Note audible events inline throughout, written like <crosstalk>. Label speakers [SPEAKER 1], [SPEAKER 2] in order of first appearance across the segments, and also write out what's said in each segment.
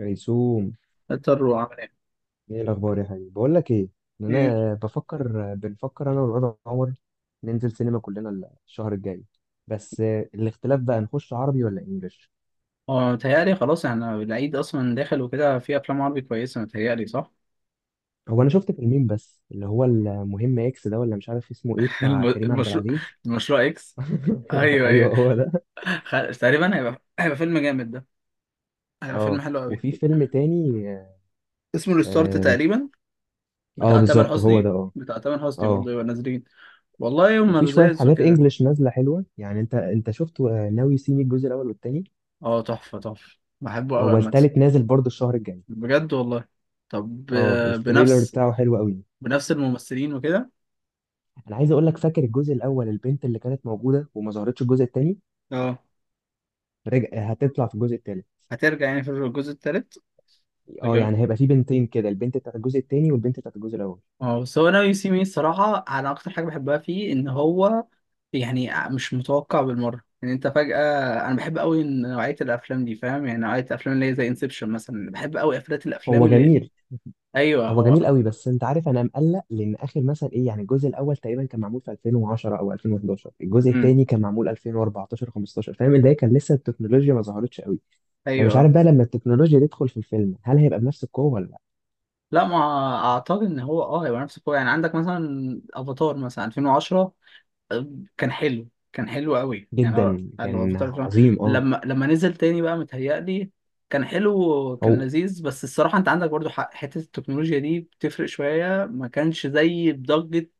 [SPEAKER 1] ريسوم،
[SPEAKER 2] اضطر وعمل ايه
[SPEAKER 1] ايه الاخبار يا حبيبي؟ بقول لك ايه، ان
[SPEAKER 2] ايه.
[SPEAKER 1] انا بفكر، بنفكر انا والواد عمر ننزل سينما كلنا الشهر الجاي. بس الاختلاف بقى نخش عربي ولا انجليش؟
[SPEAKER 2] اه، متهيألي خلاص احنا العيد اصلا داخل وكده، في افلام عربي كويسه متهيألي، صح؟
[SPEAKER 1] هو انا شفت فيلمين، بس اللي هو المهم اكس ده، ولا مش عارف اسمه ايه،
[SPEAKER 2] <laughs>
[SPEAKER 1] بتاع كريم عبد
[SPEAKER 2] المشروع،
[SPEAKER 1] العزيز.
[SPEAKER 2] المشروع اكس.
[SPEAKER 1] <laughs>
[SPEAKER 2] ايوه
[SPEAKER 1] ايوه
[SPEAKER 2] ايوه.
[SPEAKER 1] هو ده.
[SPEAKER 2] تقريبا هيبقى فيلم جامد ده، هيبقى فيلم
[SPEAKER 1] اه،
[SPEAKER 2] حلو قوي.
[SPEAKER 1] وفي فيلم تاني.
[SPEAKER 2] اسمه ريستارت
[SPEAKER 1] اه,
[SPEAKER 2] تقريبا،
[SPEAKER 1] آه
[SPEAKER 2] بتاع تامر
[SPEAKER 1] بالظبط هو ده.
[SPEAKER 2] حسني
[SPEAKER 1] اه.
[SPEAKER 2] بتاع تامر حسني برضه،
[SPEAKER 1] اه
[SPEAKER 2] يبقى نازلين. والله يوم
[SPEAKER 1] وفي شويه
[SPEAKER 2] لذيذ
[SPEAKER 1] حاجات
[SPEAKER 2] وكده.
[SPEAKER 1] انجليش نازله حلوه، يعني انت شفت ناوي سيمي الجزء الاول والتاني.
[SPEAKER 2] اه تحفه تحفه، بحبه قوي
[SPEAKER 1] هو
[SPEAKER 2] عامه.
[SPEAKER 1] التالت نازل برضه الشهر الجاي.
[SPEAKER 2] بجد والله. طب
[SPEAKER 1] اه، التريلر
[SPEAKER 2] بنفس،
[SPEAKER 1] بتاعه حلو قوي.
[SPEAKER 2] بنفس الممثلين وكده.
[SPEAKER 1] انا عايز اقول لك، فاكر الجزء الاول البنت اللي كانت موجوده وما ظهرتش الجزء الثاني؟
[SPEAKER 2] اه،
[SPEAKER 1] رجع هتطلع في الجزء الثالث.
[SPEAKER 2] هترجع يعني في الجزء التالت.
[SPEAKER 1] اه يعني هيبقى في بنتين كده، البنت بتاعت الجزء الثاني والبنت بتاعت الجزء الاول.
[SPEAKER 2] اه بس هو انا يو سي مي الصراحه، انا اكتر حاجه بحبها فيه ان هو يعني مش متوقع بالمره، يعني انت فجاه. انا بحب قوي إن نوعيه الافلام دي، فاهم؟ يعني نوعيه الافلام اللي هي زي انسبشن مثلا، بحب قوي افلات الافلام
[SPEAKER 1] هو
[SPEAKER 2] اللي
[SPEAKER 1] جميل.
[SPEAKER 2] ايوه
[SPEAKER 1] هو جميل
[SPEAKER 2] هو.
[SPEAKER 1] قوي، بس انت عارف انا مقلق، لان اخر مثلا ايه، يعني الجزء الاول تقريبا كان معمول في 2010 او 2011، الجزء
[SPEAKER 2] امم.
[SPEAKER 1] الثاني كان معمول 2014 15، فاهم؟ اللي هي كان لسه التكنولوجيا ما ظهرتش قوي. فمش عارف
[SPEAKER 2] ايوه
[SPEAKER 1] بقى لما التكنولوجيا تدخل في الفيلم هل هيبقى بنفس القوه ولا لا.
[SPEAKER 2] لا ما اعتقد ان هو اه يبقى نفس القوة، يعني عندك مثلا افاتار مثلا 2010 كان حلو، كان حلو قوي يعني. اه
[SPEAKER 1] جدا
[SPEAKER 2] قال له
[SPEAKER 1] كان
[SPEAKER 2] افاتار فعلاً.
[SPEAKER 1] عظيم اه.
[SPEAKER 2] لما نزل تاني بقى متهيألي كان حلو كان
[SPEAKER 1] هو
[SPEAKER 2] لذيذ، بس الصراحة انت عندك برضو حق، حتة التكنولوجيا دي بتفرق شوية، ما كانش زي بضجة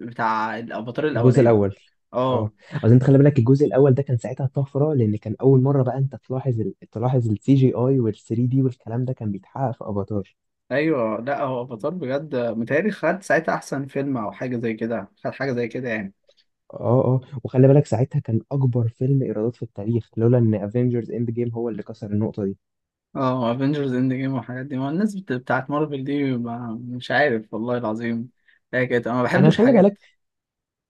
[SPEAKER 2] بتاع الافاتار
[SPEAKER 1] الجزء
[SPEAKER 2] الاولاني.
[SPEAKER 1] الاول،
[SPEAKER 2] اه.
[SPEAKER 1] اه اصل انت خلي بالك الجزء الاول ده كان ساعتها طفره، لان كان اول مره بقى انت تلاحظ تلاحظ السي جي اي وال 3D دي والكلام ده كان بيتحقق في افاتار.
[SPEAKER 2] ايوه لا هو افاتار بجد متهيألي خد ساعتها احسن فيلم او حاجة زي كده، خد حاجة زي كده يعني.
[SPEAKER 1] اه. اه وخلي بالك ساعتها كان اكبر فيلم ايرادات في التاريخ، لولا ان افنجرز اند جيم هو اللي كسر النقطه دي.
[SPEAKER 2] اه افنجرز اند جيم والحاجات دي، ما الناس بتاعت مارفل دي، ما مش عارف والله العظيم هي كده، انا ما
[SPEAKER 1] انا
[SPEAKER 2] بحبش
[SPEAKER 1] خلي
[SPEAKER 2] حاجات.
[SPEAKER 1] بالك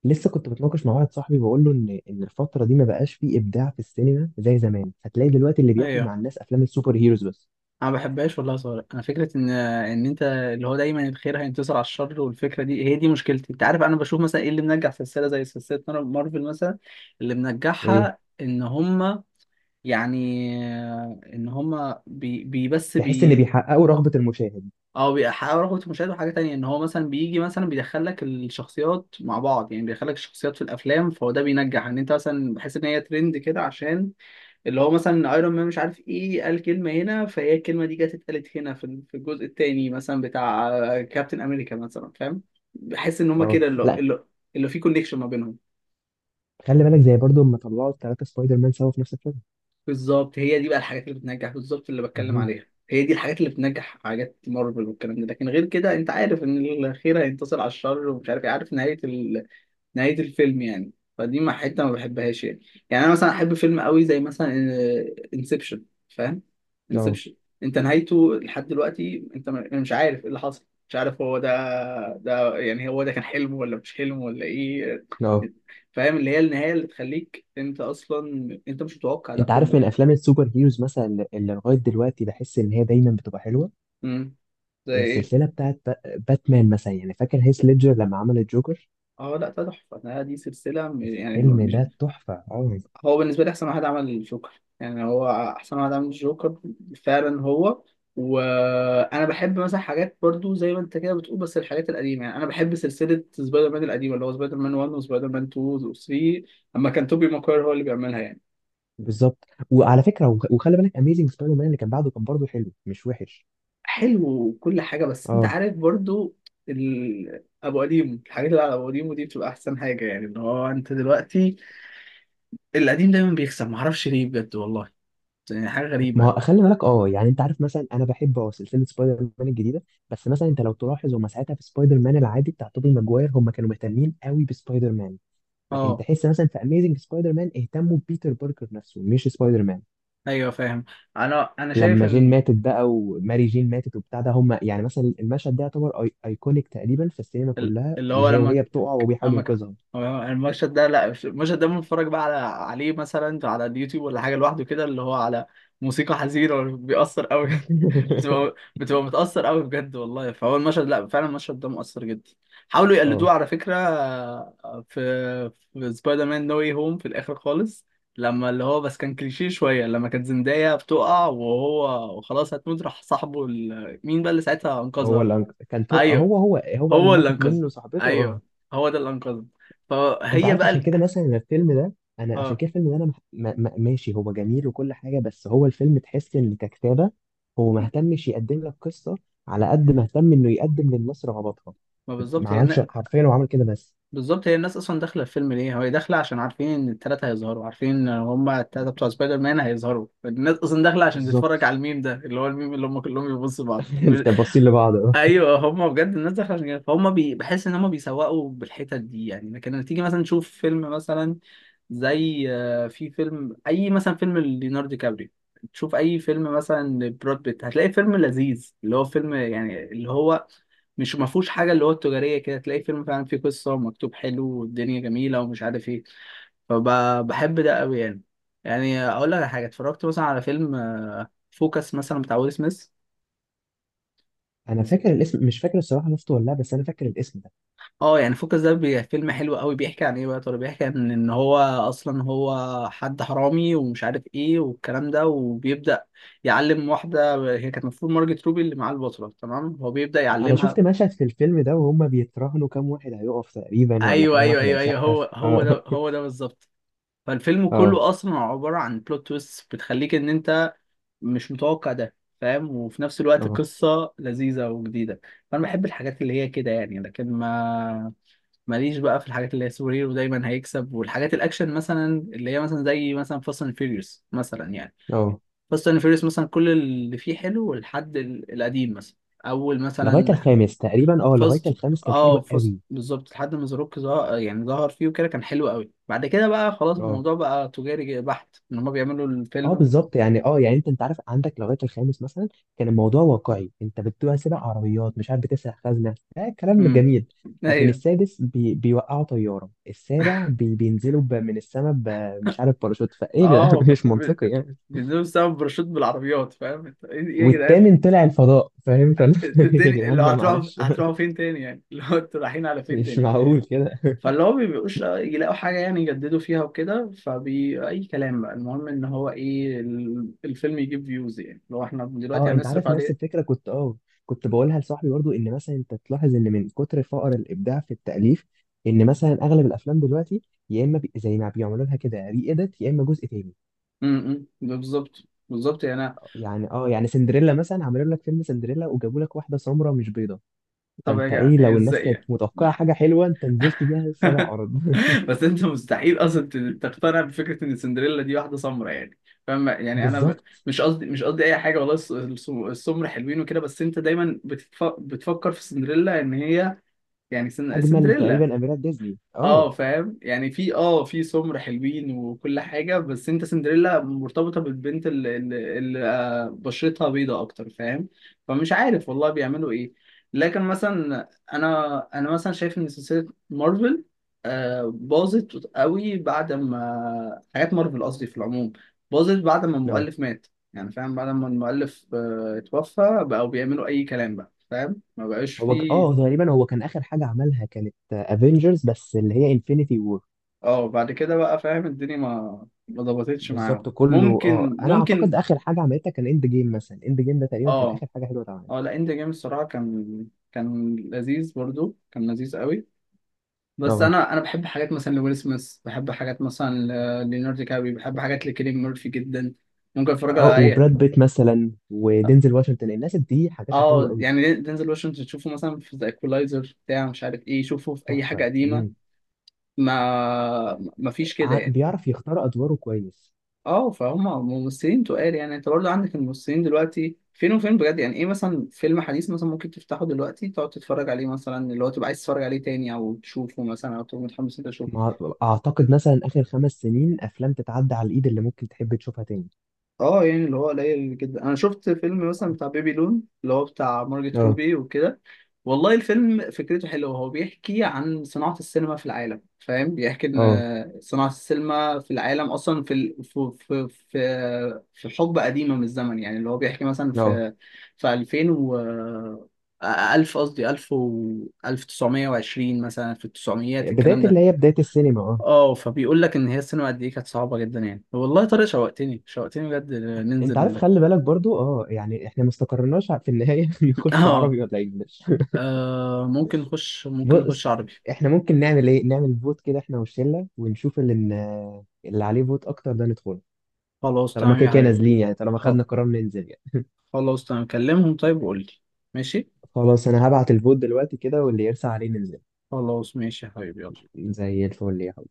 [SPEAKER 1] لسه كنت بتناقش مع واحد صاحبي بقول له ان الفتره دي ما بقاش فيه ابداع في السينما زي زمان. هتلاقي دلوقتي اللي بياكل مع
[SPEAKER 2] ايوه،
[SPEAKER 1] الناس افلام السوبر هيروز بس.
[SPEAKER 2] انا ما بحبهاش والله يا صابر. انا فكره ان انت اللي هو دايما الخير هينتصر على الشر، والفكره دي هي دي مشكلتي. انت عارف انا بشوف مثلا ايه اللي منجح سلسله زي سلسله مارفل مثلا؟ اللي
[SPEAKER 1] ايه،
[SPEAKER 2] منجحها ان هما يعني ان هما
[SPEAKER 1] تحس ان
[SPEAKER 2] بي
[SPEAKER 1] بيحققوا رغبه المشاهد.
[SPEAKER 2] او بيحققوا رغبه المشاهد، وحاجه تانية ان هو مثلا بيجي مثلا بيدخل لك الشخصيات مع بعض، يعني بيدخل لك الشخصيات في الافلام، فهو ده بينجح ان انت مثلا بحس ان هي ترند كده عشان اللي هو مثلا ايرون مان مش عارف ايه قال كلمه هنا، فهي الكلمه دي جت اتقالت هنا في الجزء التاني مثلا بتاع كابتن امريكا مثلا، فاهم؟ بحس ان هما
[SPEAKER 1] اه
[SPEAKER 2] كده اللي
[SPEAKER 1] لا،
[SPEAKER 2] اللي اللي في كونكشن ما بينهم.
[SPEAKER 1] خلي بالك زي برضو لما طلعوا الثلاثة سبايدر مان سوا في نفس الفيلم.
[SPEAKER 2] بالظبط، هي دي بقى الحاجات اللي بتنجح، بالظبط اللي بتكلم
[SPEAKER 1] مهم.
[SPEAKER 2] عليها، هي دي الحاجات اللي بتنجح، حاجات مارفل والكلام ده. لكن غير كده انت عارف ان الخير هينتصر على الشر ومش عارف ايه، عارف نهايه، نهاية الفيلم يعني. فدي ما حتة ما بحبهاش يعني. يعني أنا مثلا أحب فيلم قوي زي مثلا انسبشن، فاهم؟
[SPEAKER 1] اه.
[SPEAKER 2] انسبشن أنت نهايته لحد دلوقتي أنت مش عارف إيه اللي حصل، مش عارف هو ده، ده يعني هو ده كان حلم ولا مش حلم ولا إيه،
[SPEAKER 1] اه
[SPEAKER 2] فاهم؟ اللي هي النهاية اللي تخليك أنت أصلا أنت مش متوقع ده
[SPEAKER 1] انت عارف،
[SPEAKER 2] كله.
[SPEAKER 1] من افلام السوبر هيروز مثلا اللي لغايه دلوقتي بحس ان هي دايما بتبقى حلوه،
[SPEAKER 2] امم. زي إيه؟
[SPEAKER 1] السلسله بتاعت باتمان مثلا، يعني فاكر هيث ليدجر لما عمل الجوكر؟
[SPEAKER 2] اه لا ده تحفة ده، دي سلسلة يعني
[SPEAKER 1] الفيلم
[SPEAKER 2] مش،
[SPEAKER 1] ده تحفه اه.
[SPEAKER 2] هو بالنسبة لي أحسن واحد عمل الجوكر، يعني هو أحسن واحد عمل الجوكر فعلا هو. وأنا بحب مثلا حاجات برضو زي ما أنت كده بتقول بس الحاجات القديمة، يعني أنا بحب سلسلة سبايدر مان القديمة، اللي هو سبايدر مان 1 وسبايدر مان 2 و 3 أما كان توبي ماكوير هو اللي بيعملها يعني.
[SPEAKER 1] بالظبط، وعلى فكره وخلي بالك اميزنج سبايدر مان اللي كان بعده كان برضه حلو، مش وحش.
[SPEAKER 2] حلو وكل حاجة، بس أنت
[SPEAKER 1] اه.
[SPEAKER 2] عارف برضو أبو قديم، الحاجات اللي على أبو قديم ودي بتبقى أحسن حاجة، يعني إن هو أنت دلوقتي القديم دايما بيكسب، معرفش ليه بجد والله، يعني حاجة
[SPEAKER 1] ما
[SPEAKER 2] غريبة.
[SPEAKER 1] هو خلي بالك اه، يعني انت عارف مثلا انا بحب اه سلسله سبايدر مان الجديده، بس مثلا انت لو تلاحظ هم ساعتها في سبايدر مان العادي بتاع توبي ماجواير هم كانوا مهتمين قوي بسبايدر مان. لكن
[SPEAKER 2] أه
[SPEAKER 1] تحس مثلا في اميزنج سبايدر مان اهتموا ببيتر باركر نفسه مش سبايدر مان.
[SPEAKER 2] ايوه فاهم. انا شايف
[SPEAKER 1] لما جين
[SPEAKER 2] ان
[SPEAKER 1] ماتت بقى وماري جين ماتت وبتاع ده، هم يعني مثلا المشهد ده يعتبر ايكونيك تقريبا في السينما كلها،
[SPEAKER 2] اللي هو
[SPEAKER 1] اللي هي
[SPEAKER 2] لما
[SPEAKER 1] وهي بتقع وبيحاول
[SPEAKER 2] لما ك-
[SPEAKER 1] ينقذها.
[SPEAKER 2] هو المشهد ده، لا مش المشهد ده، بنتفرج بقى على، عليه مثلا على اليوتيوب ولا حاجه لوحده كده، اللي هو على موسيقى حزينه بيأثر قوي. <laughs>
[SPEAKER 1] <laughs>
[SPEAKER 2] بتبقى متأثر قوي بجد والله، فهو المشهد لا فعلا المشهد ده مؤثر جدا. حاولوا يقلدوه
[SPEAKER 1] اه.
[SPEAKER 2] على فكره في في سبايدر مان نو واي هوم في الاخر خالص، لما اللي هو بس كان كليشيه شويه، لما كانت زندايا بتقع وهو وخلاص هتموت راح صاحبه مين بقى اللي ساعتها
[SPEAKER 1] هو
[SPEAKER 2] انقذها.
[SPEAKER 1] اللي
[SPEAKER 2] ايوه
[SPEAKER 1] هو هو اللي
[SPEAKER 2] هو اللي
[SPEAKER 1] ماتت
[SPEAKER 2] انقذني.
[SPEAKER 1] منه صاحبته، اه.
[SPEAKER 2] ايوه هو ده اللي انقذني.
[SPEAKER 1] انت
[SPEAKER 2] فهي
[SPEAKER 1] عارف
[SPEAKER 2] بقى
[SPEAKER 1] عشان
[SPEAKER 2] ال-
[SPEAKER 1] كده مثلا أنا الفيلم ده، انا عشان
[SPEAKER 2] اه
[SPEAKER 1] كده الفيلم ده انا ماشي، هو جميل وكل حاجه، بس هو الفيلم تحس ان ككتابه هو ما
[SPEAKER 2] م-
[SPEAKER 1] اهتمش يقدم لك قصه على قد ما اهتم انه يقدم للناس رغباتها.
[SPEAKER 2] ما
[SPEAKER 1] ما
[SPEAKER 2] بالظبط هي
[SPEAKER 1] عملش حرفيا، هو عمل كده بس.
[SPEAKER 2] بالظبط هي الناس اصلا داخله الفيلم ليه، هو داخله عشان عارفين ان الثلاثه هيظهروا، عارفين ان هما الثلاثه بتوع سبايدر مان هيظهروا، الناس اصلا داخله عشان تتفرج
[SPEAKER 1] بالظبط.
[SPEAKER 2] على الميم ده، اللي هو الميم اللي هم كلهم بيبصوا بعض.
[SPEAKER 1] <laughs> انت باصين لبعض اه.
[SPEAKER 2] ايوه هم بجد الناس داخله عشان كده، فهم بحس ان هم بيسوقوا بالحتت دي يعني. لكن لما تيجي مثلا تشوف فيلم مثلا زي في فيلم اي مثلا فيلم ليوناردو دي كابريو، تشوف اي فيلم مثلا لبراد بيت، هتلاقي فيلم لذيذ اللي هو فيلم يعني اللي هو مش ما فيهوش حاجه اللي هو التجاريه كده، تلاقي فيلم فعلا فيه قصه ومكتوب حلو والدنيا جميله ومش عارف ايه، فبحب ده قوي يعني. يعني اقول لك على حاجه، اتفرجت مثلا على فيلم فوكس مثلا بتاع ويل سميث.
[SPEAKER 1] انا فاكر الاسم، مش فاكر الصراحه شفته ولا لا، بس انا فاكر الاسم ده.
[SPEAKER 2] اه يعني فوكس ده فيلم حلو قوي، بيحكي عن ايه بقى يا ترى؟ بيحكي عن ان هو اصلا هو حد حرامي ومش عارف ايه والكلام ده، وبيبدأ يعلم واحدة هي كانت المفروض مارجت روبي اللي معاه البطلة، تمام؟ هو بيبدأ
[SPEAKER 1] انا
[SPEAKER 2] يعلمها.
[SPEAKER 1] شفت مشهد في الفيلم ده وهم بيتراهنوا كام واحد هيقف تقريبا ولا
[SPEAKER 2] ايوه
[SPEAKER 1] كام
[SPEAKER 2] ايوه
[SPEAKER 1] واحد
[SPEAKER 2] ايوه ايوه هو
[SPEAKER 1] هيسقف. <laughs>
[SPEAKER 2] هو
[SPEAKER 1] اه.
[SPEAKER 2] ده هو ده بالظبط. فالفيلم
[SPEAKER 1] اه.
[SPEAKER 2] كله اصلا عبارة عن بلوت تويست بتخليك ان انت مش متوقع ده، فاهم؟ وفي نفس الوقت
[SPEAKER 1] اه.
[SPEAKER 2] قصة لذيذة وجديدة. فانا بحب الحاجات اللي هي كده يعني، لكن ما ماليش بقى في الحاجات اللي هي سوبر هيرو دايما هيكسب، والحاجات الاكشن مثلا اللي هي مثلا زي مثلا فاست اند فيوريوس مثلا يعني.
[SPEAKER 1] اه
[SPEAKER 2] فاست اند فيوريوس مثلا كل اللي فيه حلو لحد القديم مثلا، اول
[SPEAKER 1] لغايه
[SPEAKER 2] مثلا
[SPEAKER 1] الخامس تقريبا، اه لغايه
[SPEAKER 2] فاست،
[SPEAKER 1] الخامس كان حلو
[SPEAKER 2] اه فاست
[SPEAKER 1] قوي.
[SPEAKER 2] بالظبط، لحد ما زاروك ظهر يعني ظهر فيه وكده كان حلو قوي، بعد كده بقى خلاص
[SPEAKER 1] اه.
[SPEAKER 2] الموضوع بقى تجاري بحت ان هما بيعملوا
[SPEAKER 1] اه
[SPEAKER 2] الفيلم.
[SPEAKER 1] بالظبط، يعني اه يعني انت عارف، عندك لغايه الخامس مثلا كان الموضوع واقعي، انت بتبقى سابق عربيات، مش عارف بتسرق خزنه، ده كلام
[SPEAKER 2] امم.
[SPEAKER 1] جميل. لكن
[SPEAKER 2] ايبنوا.
[SPEAKER 1] السادس بيوقعوا طياره، السابع بينزلوا من السماء مش عارف باراشوت فايه
[SPEAKER 2] <laughs>
[SPEAKER 1] يا جدعان،
[SPEAKER 2] اه،
[SPEAKER 1] <laughs> مش منطقي يعني.
[SPEAKER 2] بيدوسوا بسبب باراشوت بالعربيات، فاهم انت ايه؟ إيه يا جدعان
[SPEAKER 1] والثامن طلع الفضاء فاهم <laughs> يا
[SPEAKER 2] الدنيا اللي
[SPEAKER 1] جدعان بقى
[SPEAKER 2] هتروحوا،
[SPEAKER 1] معلش.
[SPEAKER 2] هتروحوا فين تاني يعني؟ <laughs> اللي هو انتوا رايحين على
[SPEAKER 1] <laughs>
[SPEAKER 2] فين
[SPEAKER 1] مش
[SPEAKER 2] تاني.
[SPEAKER 1] معقول كده.
[SPEAKER 2] فاللي هو بيبقوش يلاقوا حاجة يعني يجددوا فيها وكده، فبي أي كلام بقى، المهم إن هو إيه الفيلم يجيب فيوز يعني لو إحنا دلوقتي
[SPEAKER 1] اه انت
[SPEAKER 2] هنصرف
[SPEAKER 1] عارف نفس
[SPEAKER 2] عليه.
[SPEAKER 1] الفكره، كنت اه كنت بقولها لصاحبي برضو، ان مثلا انت تلاحظ ان من كتر فقر الابداع في التاليف ان مثلا اغلب الافلام دلوقتي يا اما زي ما بيعملوا لها كده ري اديت، يا اما جزء تاني.
[SPEAKER 2] م- م. بالظبط بالظبط يعني أنا،
[SPEAKER 1] يعني اه، يعني سندريلا مثلا عملوا لك فيلم سندريلا وجابوا لك واحده سمراء مش بيضه.
[SPEAKER 2] طب يا
[SPEAKER 1] فانت
[SPEAKER 2] جماعة
[SPEAKER 1] ايه، لو الناس
[SPEAKER 2] إزاي
[SPEAKER 1] كانت
[SPEAKER 2] يعني؟
[SPEAKER 1] متوقعه حاجه حلوه انت نزلت بيها سبع
[SPEAKER 2] <laughs>
[SPEAKER 1] ارض.
[SPEAKER 2] بس انت مستحيل اصلا تقتنع بفكره ان سندريلا دي واحده سمرا يعني، فاهم
[SPEAKER 1] <laughs>
[SPEAKER 2] يعني؟ انا
[SPEAKER 1] بالظبط.
[SPEAKER 2] مش قصدي، مش قصدي اي حاجه والله، السمر حلوين وكده، بس انت دايما بتفكر في سندريلا ان هي يعني
[SPEAKER 1] اجمل
[SPEAKER 2] سندريلا.
[SPEAKER 1] تقريبا اميرات ديزني
[SPEAKER 2] اه
[SPEAKER 1] اه.
[SPEAKER 2] فاهم يعني، في اه في سمر حلوين وكل حاجة، بس انت سندريلا مرتبطة بالبنت اللي بشرتها بيضة اكتر، فاهم؟ فمش عارف والله بيعملوا ايه. لكن مثلا انا مثلا شايف ان سلسلة مارفل باظت قوي، بعد ما حاجات مارفل، قصدي في العموم، باظت بعد ما
[SPEAKER 1] اه.
[SPEAKER 2] المؤلف مات، يعني فاهم، بعد ما المؤلف اتوفى بقوا بيعملوا اي كلام بقى، فاهم؟ ما بقاش
[SPEAKER 1] هو اه
[SPEAKER 2] فيه.
[SPEAKER 1] تقريبا هو كان اخر حاجه عملها كانت افنجرز، بس اللي هي انفينيتي.
[SPEAKER 2] اه بعد كده بقى فاهم، الدنيا ما ظبطتش معاهم،
[SPEAKER 1] بالظبط. كله اه
[SPEAKER 2] ممكن
[SPEAKER 1] انا اعتقد
[SPEAKER 2] ممكن
[SPEAKER 1] اخر حاجه عملتها كان اند جيم مثلا، اند جيم ده تقريبا كان
[SPEAKER 2] اه.
[SPEAKER 1] اخر حاجه حلوه اتعملت.
[SPEAKER 2] اه لا اند جيم الصراحه كان، كان لذيذ برضو كان لذيذ قوي. بس
[SPEAKER 1] اه.
[SPEAKER 2] انا بحب حاجات مثلا لويل سميث، بحب حاجات مثلا ليوناردو دي كابري، بحب حاجات لكيليان ميرفي جدا، ممكن اتفرج على
[SPEAKER 1] اه
[SPEAKER 2] اي.
[SPEAKER 1] وبراد بيت مثلا ودينزل واشنطن، الناس دي حاجاتها حلوه
[SPEAKER 2] اه
[SPEAKER 1] قوي.
[SPEAKER 2] يعني دينزل واشنطن تشوفه مثلا في ذا ايكولايزر بتاع مش عارف ايه، شوفه في اي حاجه
[SPEAKER 1] تحفه.
[SPEAKER 2] قديمه،
[SPEAKER 1] امم.
[SPEAKER 2] ما فيش كده يعني.
[SPEAKER 1] بيعرف يختار ادواره كويس.
[SPEAKER 2] اه فهم ممثلين تقال، يعني انت برضه عندك الممثلين دلوقتي فين وفين بجد يعني. ايه مثلا فيلم حديث مثلا ممكن تفتحه دلوقتي تقعد تتفرج عليه مثلا، اللي هو تبقى عايز تتفرج عليه تاني او تشوفه مثلا او تبقى متحمس انت؟
[SPEAKER 1] ما اعتقد مثلا اخر 5 سنين افلام تتعدى على الايد اللي ممكن تحب تشوفها تاني.
[SPEAKER 2] اه يعني اللي هو قليل جدا. انا شفت فيلم مثلا بتاع بيبي لون اللي هو بتاع مارجت
[SPEAKER 1] اه.
[SPEAKER 2] روبي وكده، والله الفيلم فكرته حلوه. هو بيحكي عن صناعه السينما في العالم، فاهم؟ بيحكي
[SPEAKER 1] اه.
[SPEAKER 2] ان صناعه السينما في العالم اصلا في ال- في في في, في حقبه قديمه من الزمن، يعني اللي هو بيحكي مثلا
[SPEAKER 1] اه
[SPEAKER 2] في 2000 و 1000 قصدي 1000 و 1920 مثلا في التسعميات الكلام
[SPEAKER 1] بدايه،
[SPEAKER 2] ده.
[SPEAKER 1] اللي هي بدايه السينما اه.
[SPEAKER 2] اه فبيقول لك ان هي السينما قد ايه كانت صعبه جدا يعني. والله يا طارق شوقتني شوقتني بجد
[SPEAKER 1] انت عارف
[SPEAKER 2] ننزل.
[SPEAKER 1] خلي بالك برضو اه، يعني احنا ما استقرناش في النهايه، <laughs>
[SPEAKER 2] <laughs>
[SPEAKER 1] نخش
[SPEAKER 2] اه،
[SPEAKER 1] عربي ولا انجلش.
[SPEAKER 2] ممكن
[SPEAKER 1] بص،
[SPEAKER 2] نخش عربي.
[SPEAKER 1] احنا ممكن نعمل ايه، نعمل فوت كده احنا والشله ونشوف اللي عليه فوت اكتر ده ندخله.
[SPEAKER 2] خلاص
[SPEAKER 1] طالما
[SPEAKER 2] تمام
[SPEAKER 1] كده
[SPEAKER 2] يا
[SPEAKER 1] كده
[SPEAKER 2] حبيبي.
[SPEAKER 1] نازلين يعني، طالما
[SPEAKER 2] خل-
[SPEAKER 1] خدنا قرار ننزل يعني.
[SPEAKER 2] خلاص تمام، كلمهم طيب وقول لي. ماشي.
[SPEAKER 1] خلاص، انا هبعت الفوت دلوقتي كده، واللي يرسى عليه ننزل.
[SPEAKER 2] خلاص ماشي يا حبيبي، يلا.
[SPEAKER 1] زي الفل يا حب.